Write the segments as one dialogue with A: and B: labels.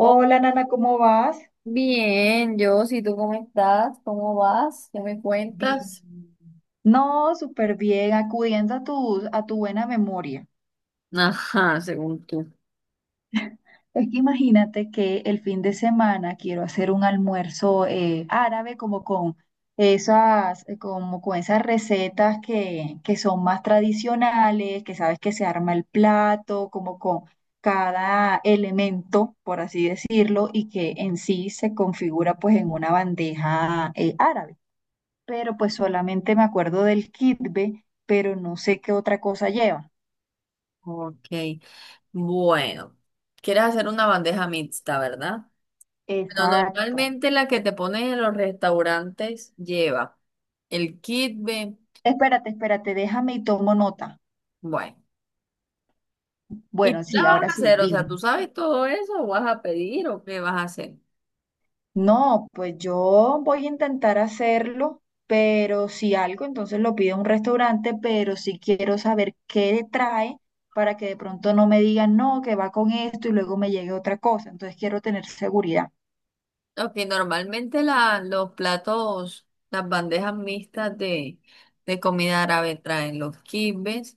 A: Oh,
B: Nana, ¿cómo vas?
A: bien, yo, si tú cómo estás, cómo vas, ¿qué me
B: Bien.
A: cuentas?
B: No, súper bien, acudiendo a tu buena memoria.
A: Ajá, según tú.
B: Es que imagínate que el fin de semana quiero hacer un almuerzo árabe como con esas recetas que son más tradicionales, que sabes que se arma el plato, como con cada elemento, por así decirlo, y que en sí se configura pues en una bandeja árabe. Pero pues solamente me acuerdo del kitbe, pero no sé qué otra cosa lleva.
A: Ok, bueno, quieres hacer una bandeja mixta, ¿verdad? Pero
B: Exacto.
A: normalmente la que te ponen en los restaurantes lleva el kitbe,
B: Espérate, espérate, déjame y tomo nota.
A: bueno, ¿y tú
B: Bueno,
A: la
B: sí,
A: vas
B: ahora
A: a
B: sí,
A: hacer? O sea,
B: dime.
A: ¿tú sabes todo eso? ¿O vas a pedir o qué vas a hacer?
B: No, pues yo voy a intentar hacerlo, pero si algo, entonces lo pido a un restaurante, pero sí quiero saber qué le trae para que de pronto no me digan, no, que va con esto y luego me llegue otra cosa. Entonces quiero tener seguridad.
A: Ok, normalmente los platos, las bandejas mixtas de comida árabe traen los kitbes.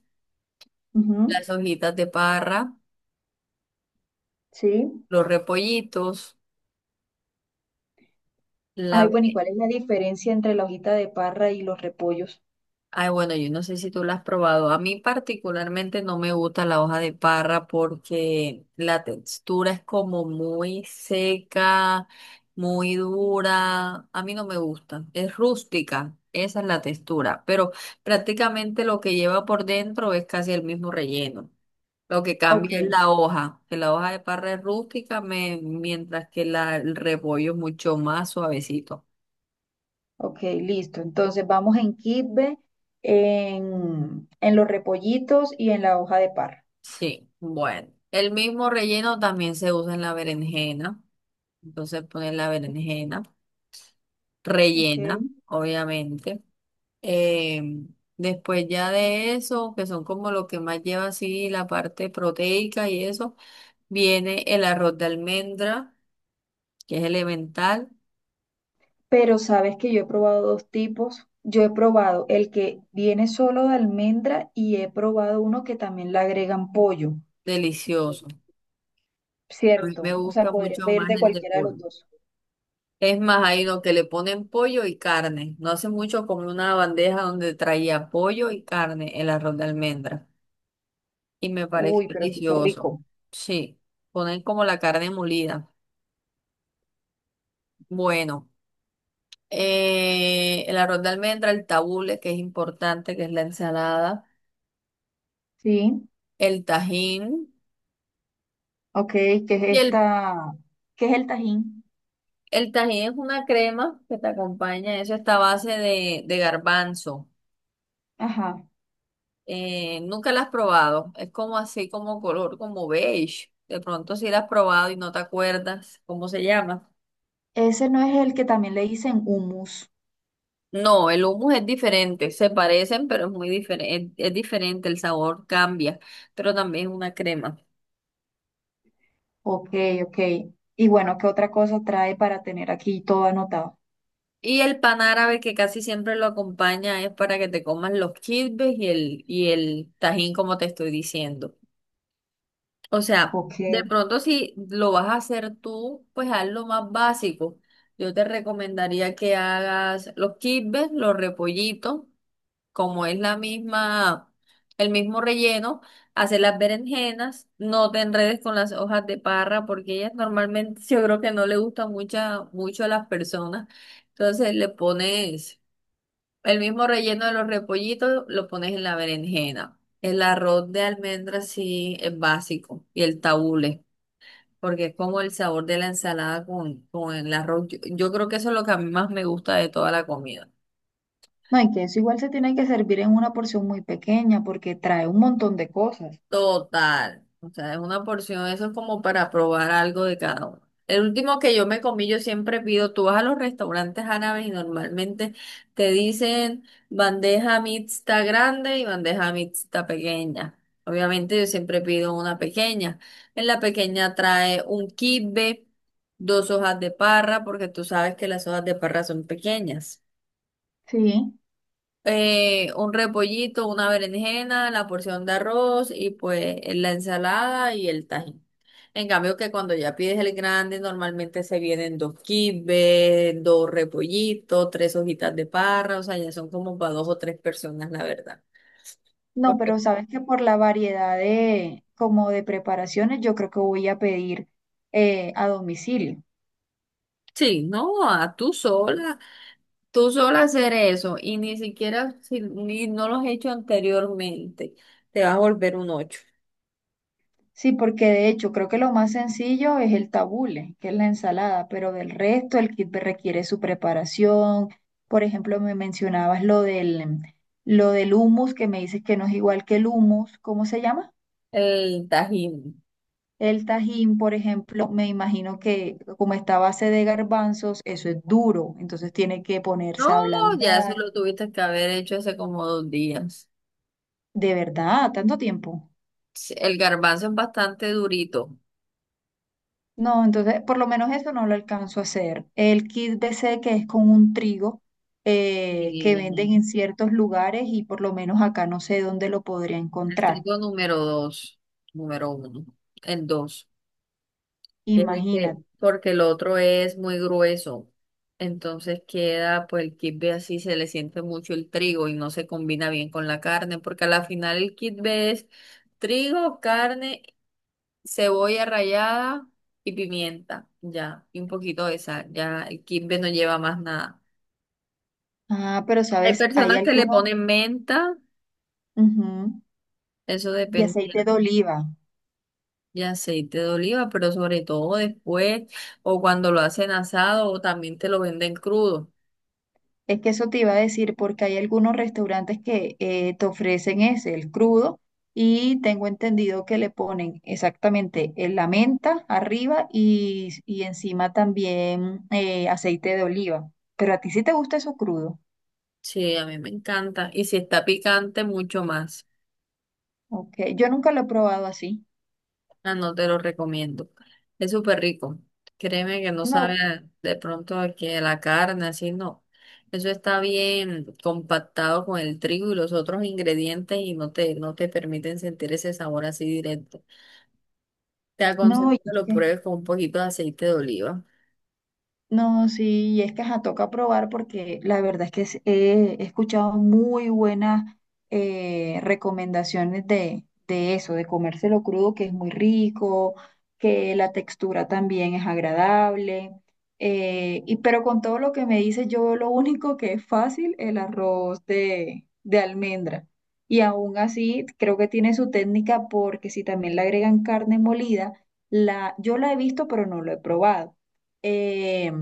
B: Ujú.
A: Las hojitas de parra,
B: Sí.
A: los repollitos, la...
B: Ay, bueno, ¿y
A: ve-
B: cuál es la diferencia entre la hojita de parra y los repollos?
A: ay, bueno, yo no sé si tú la has probado. A mí particularmente no me gusta la hoja de parra porque la textura es como muy seca, muy dura. A mí no me gusta. Es rústica, esa es la textura. Pero prácticamente lo que lleva por dentro es casi el mismo relleno. Lo que cambia es
B: Ok,
A: la hoja, que la hoja de parra es rústica, mientras que el repollo es mucho más suavecito.
B: ok, listo. Entonces vamos en Kitbe, en los repollitos y en la hoja de parra.
A: Sí, bueno. El mismo relleno también se usa en la berenjena. Entonces pones la berenjena,
B: Ok.
A: rellena, obviamente. Em, Después ya de eso, que son como lo que más lleva así la parte proteica y eso, viene el arroz de almendra, que es elemental,
B: Pero sabes que yo he probado dos tipos. Yo he probado el que viene solo de almendra y he probado uno que también le agregan pollo,
A: delicioso. A mí me
B: ¿cierto? O sea,
A: gusta
B: podría
A: mucho
B: pedir de
A: más el de
B: cualquiera de
A: pollo.
B: los dos.
A: Es más, hay lo que le ponen pollo y carne. No hace mucho comí una bandeja donde traía pollo y carne, el arroz de almendra. Y me parece
B: Uy, pero súper
A: delicioso.
B: rico.
A: Sí, ponen como la carne molida. Bueno, el arroz de almendra, el tabule, que es importante, que es la ensalada,
B: Sí.
A: el tajín.
B: Ok, ¿qué es
A: Y
B: esta? ¿Qué es el tajín?
A: el tajín es una crema que te acompaña, eso está a base de garbanzo.
B: Ajá.
A: Nunca la has probado. Es como así, como color, como beige. De pronto si la has probado y no te acuerdas cómo se llama.
B: Ese no es el que también le dicen hummus.
A: No, el hummus es diferente. Se parecen, pero es muy diferente. Es diferente, el sabor cambia, pero también es una crema.
B: Ok, ok. Y bueno, ¿qué otra cosa trae para tener aquí todo anotado?
A: Y el pan árabe que casi siempre lo acompaña es para que te comas los kibbes y el tajín, como te estoy diciendo. O sea,
B: Ok.
A: de pronto si lo vas a hacer tú, pues haz lo más básico. Yo te recomendaría que hagas los kibbes, los repollitos, como es la misma, el mismo relleno, hacer las berenjenas, no te enredes con las hojas de parra, porque ellas normalmente yo creo que no le gustan mucha, mucho a las personas. Entonces le pones el mismo relleno de los repollitos lo pones en la berenjena. El arroz de almendras sí es básico y el tabule, porque es como el sabor de la ensalada con el arroz. Yo creo que eso es lo que a mí más me gusta de toda la comida.
B: No, y que eso igual se tiene que servir en una porción muy pequeña porque trae un montón de cosas.
A: Total. O sea, es una porción, eso es como para probar algo de cada uno. El último que yo me comí, yo siempre pido, tú vas a los restaurantes árabes y normalmente te dicen bandeja mixta grande y bandeja mixta pequeña. Obviamente yo siempre pido una pequeña. En la pequeña trae un kibbe, dos hojas de parra, porque tú sabes que las hojas de parra son pequeñas,
B: Sí.
A: un repollito, una berenjena, la porción de arroz y pues la ensalada y el tajín. En cambio que cuando ya pides el grande, normalmente se vienen dos quibbes, dos repollitos, tres hojitas de parra, o sea, ya son como para dos o tres personas, la verdad.
B: No, pero
A: Porque
B: sabes que por la variedad de, como de preparaciones, yo creo que voy a pedir a domicilio.
A: sí, no, a tú sola hacer eso y ni siquiera si ni no lo has hecho anteriormente, te vas a volver un ocho.
B: Sí, porque de hecho creo que lo más sencillo es el tabule, que es la ensalada, pero del resto el kit requiere su preparación. Por ejemplo, me mencionabas lo del hummus, que me dices que no es igual que el hummus. ¿Cómo se llama?
A: El tajín.
B: El tajín, por ejemplo, me imagino que como está a base de garbanzos, eso es duro, entonces tiene que
A: No,
B: ponerse a
A: ya eso
B: ablandar.
A: lo tuviste que haber hecho hace como 2 días.
B: ¿De verdad? ¿Tanto tiempo?
A: Sí, el garbanzo es bastante durito.
B: No, entonces por lo menos eso no lo alcanzo a hacer. El kit BC que es con un trigo que venden
A: Y
B: en ciertos lugares y por lo menos acá no sé dónde lo podría
A: el
B: encontrar.
A: trigo número dos, número uno, el dos. Es
B: Imagínate.
A: porque el otro es muy grueso. Entonces queda, pues el kibbe así se le siente mucho el trigo y no se combina bien con la carne, porque a la final el kibbe es trigo, carne, cebolla rallada y pimienta, ya, y un poquito de sal, ya el kibbe no lleva más nada.
B: Ah, pero
A: Hay
B: sabes, hay
A: personas que le
B: algunos.
A: ponen menta,
B: Ujú.
A: eso
B: Y
A: depende.
B: aceite de oliva.
A: Y aceite de oliva, pero sobre todo después, o cuando lo hacen asado, o también te lo venden crudo.
B: Es que eso te iba a decir, porque hay algunos restaurantes que te ofrecen ese, el crudo, y tengo entendido que le ponen exactamente la menta arriba y encima también aceite de oliva. Pero a ti sí te gusta eso crudo,
A: Sí, a mí me encanta. Y si está picante, mucho más.
B: ¿ok? Yo nunca lo he probado así.
A: Ah, no te lo recomiendo. Es súper rico. Créeme que no sabe
B: No,
A: de pronto a que la carne, así no. Eso está bien compactado con el trigo y los otros ingredientes y no te permiten sentir ese sabor así directo. Te
B: no,
A: aconsejo que lo
B: oye.
A: pruebes con un poquito de aceite de oliva.
B: No, sí, y es que ajá, toca probar porque la verdad es que he escuchado muy buenas recomendaciones de eso, de comérselo crudo, que es muy rico, que la textura también es agradable. Y pero con todo lo que me dices, yo lo único que es fácil, el arroz de almendra. Y aún así, creo que tiene su técnica porque si también le agregan carne molida, yo la he visto, pero no lo he probado eh,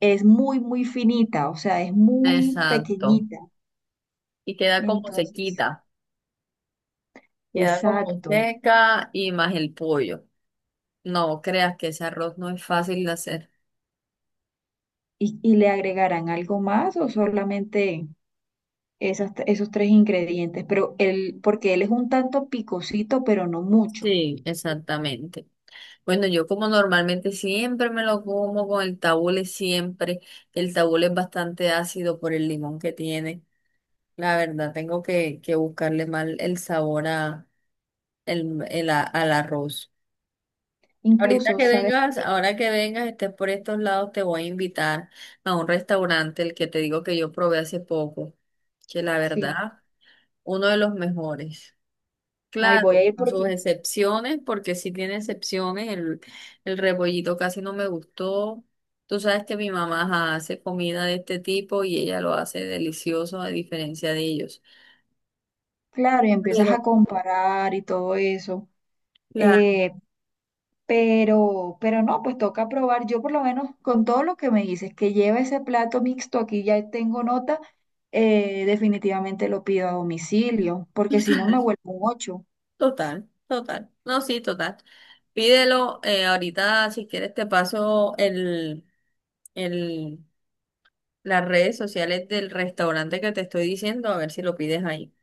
B: es muy, muy finita, o sea, es muy
A: Exacto.
B: pequeñita.
A: Y queda como
B: Entonces,
A: sequita. Queda como
B: exacto.
A: seca y más el pollo. No creas que ese arroz no es fácil de hacer.
B: ¿Y le agregarán algo más o solamente esos tres ingredientes? Pero él, porque él es un tanto picosito, pero no mucho.
A: Sí, exactamente. Bueno, yo como normalmente siempre me lo como con el tabule, siempre. El tabule es bastante ácido por el limón que tiene. La verdad, tengo que buscarle mal el sabor a, al arroz. Ahorita
B: Incluso,
A: que
B: ¿sabes
A: vengas,
B: qué?
A: ahora que vengas, estés por estos lados, te voy a invitar a un restaurante, el que te digo que yo probé hace poco, que la
B: Sí,
A: verdad, uno de los mejores.
B: ahí voy a
A: Claro,
B: ir
A: con
B: porque,
A: sus excepciones, porque sí tiene excepciones. El rebollito casi no me gustó. Tú sabes que mi mamá ajá, hace comida de este tipo y ella lo hace delicioso a diferencia de ellos.
B: claro, y empiezas
A: Pero,
B: a comparar y todo eso.
A: claro,
B: Eh, pero no, pues toca probar. Yo por lo menos con todo lo que me dices, que lleva ese plato mixto, aquí ya tengo nota, definitivamente lo pido a domicilio, porque si no me vuelvo un ocho.
A: total, total. No, sí, total. Pídelo, ahorita si quieres te paso el, las redes sociales del restaurante que te estoy diciendo, a ver si lo pides ahí.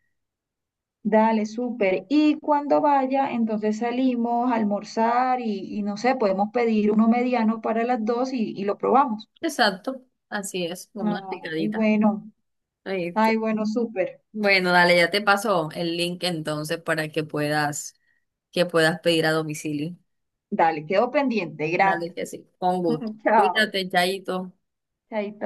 B: Dale, súper. Y cuando vaya, entonces salimos a almorzar y no sé, podemos pedir uno mediano para las dos y lo probamos.
A: Exacto, así es, como una
B: Ay,
A: picadita.
B: bueno,
A: Ahí
B: ay, bueno, súper.
A: bueno, dale, ya te paso el link entonces para que puedas pedir a domicilio.
B: Dale, quedo pendiente.
A: Dale,
B: Gracias.
A: que sí, con gusto.
B: Chao.
A: Cuídate, Chaito.
B: Chaito.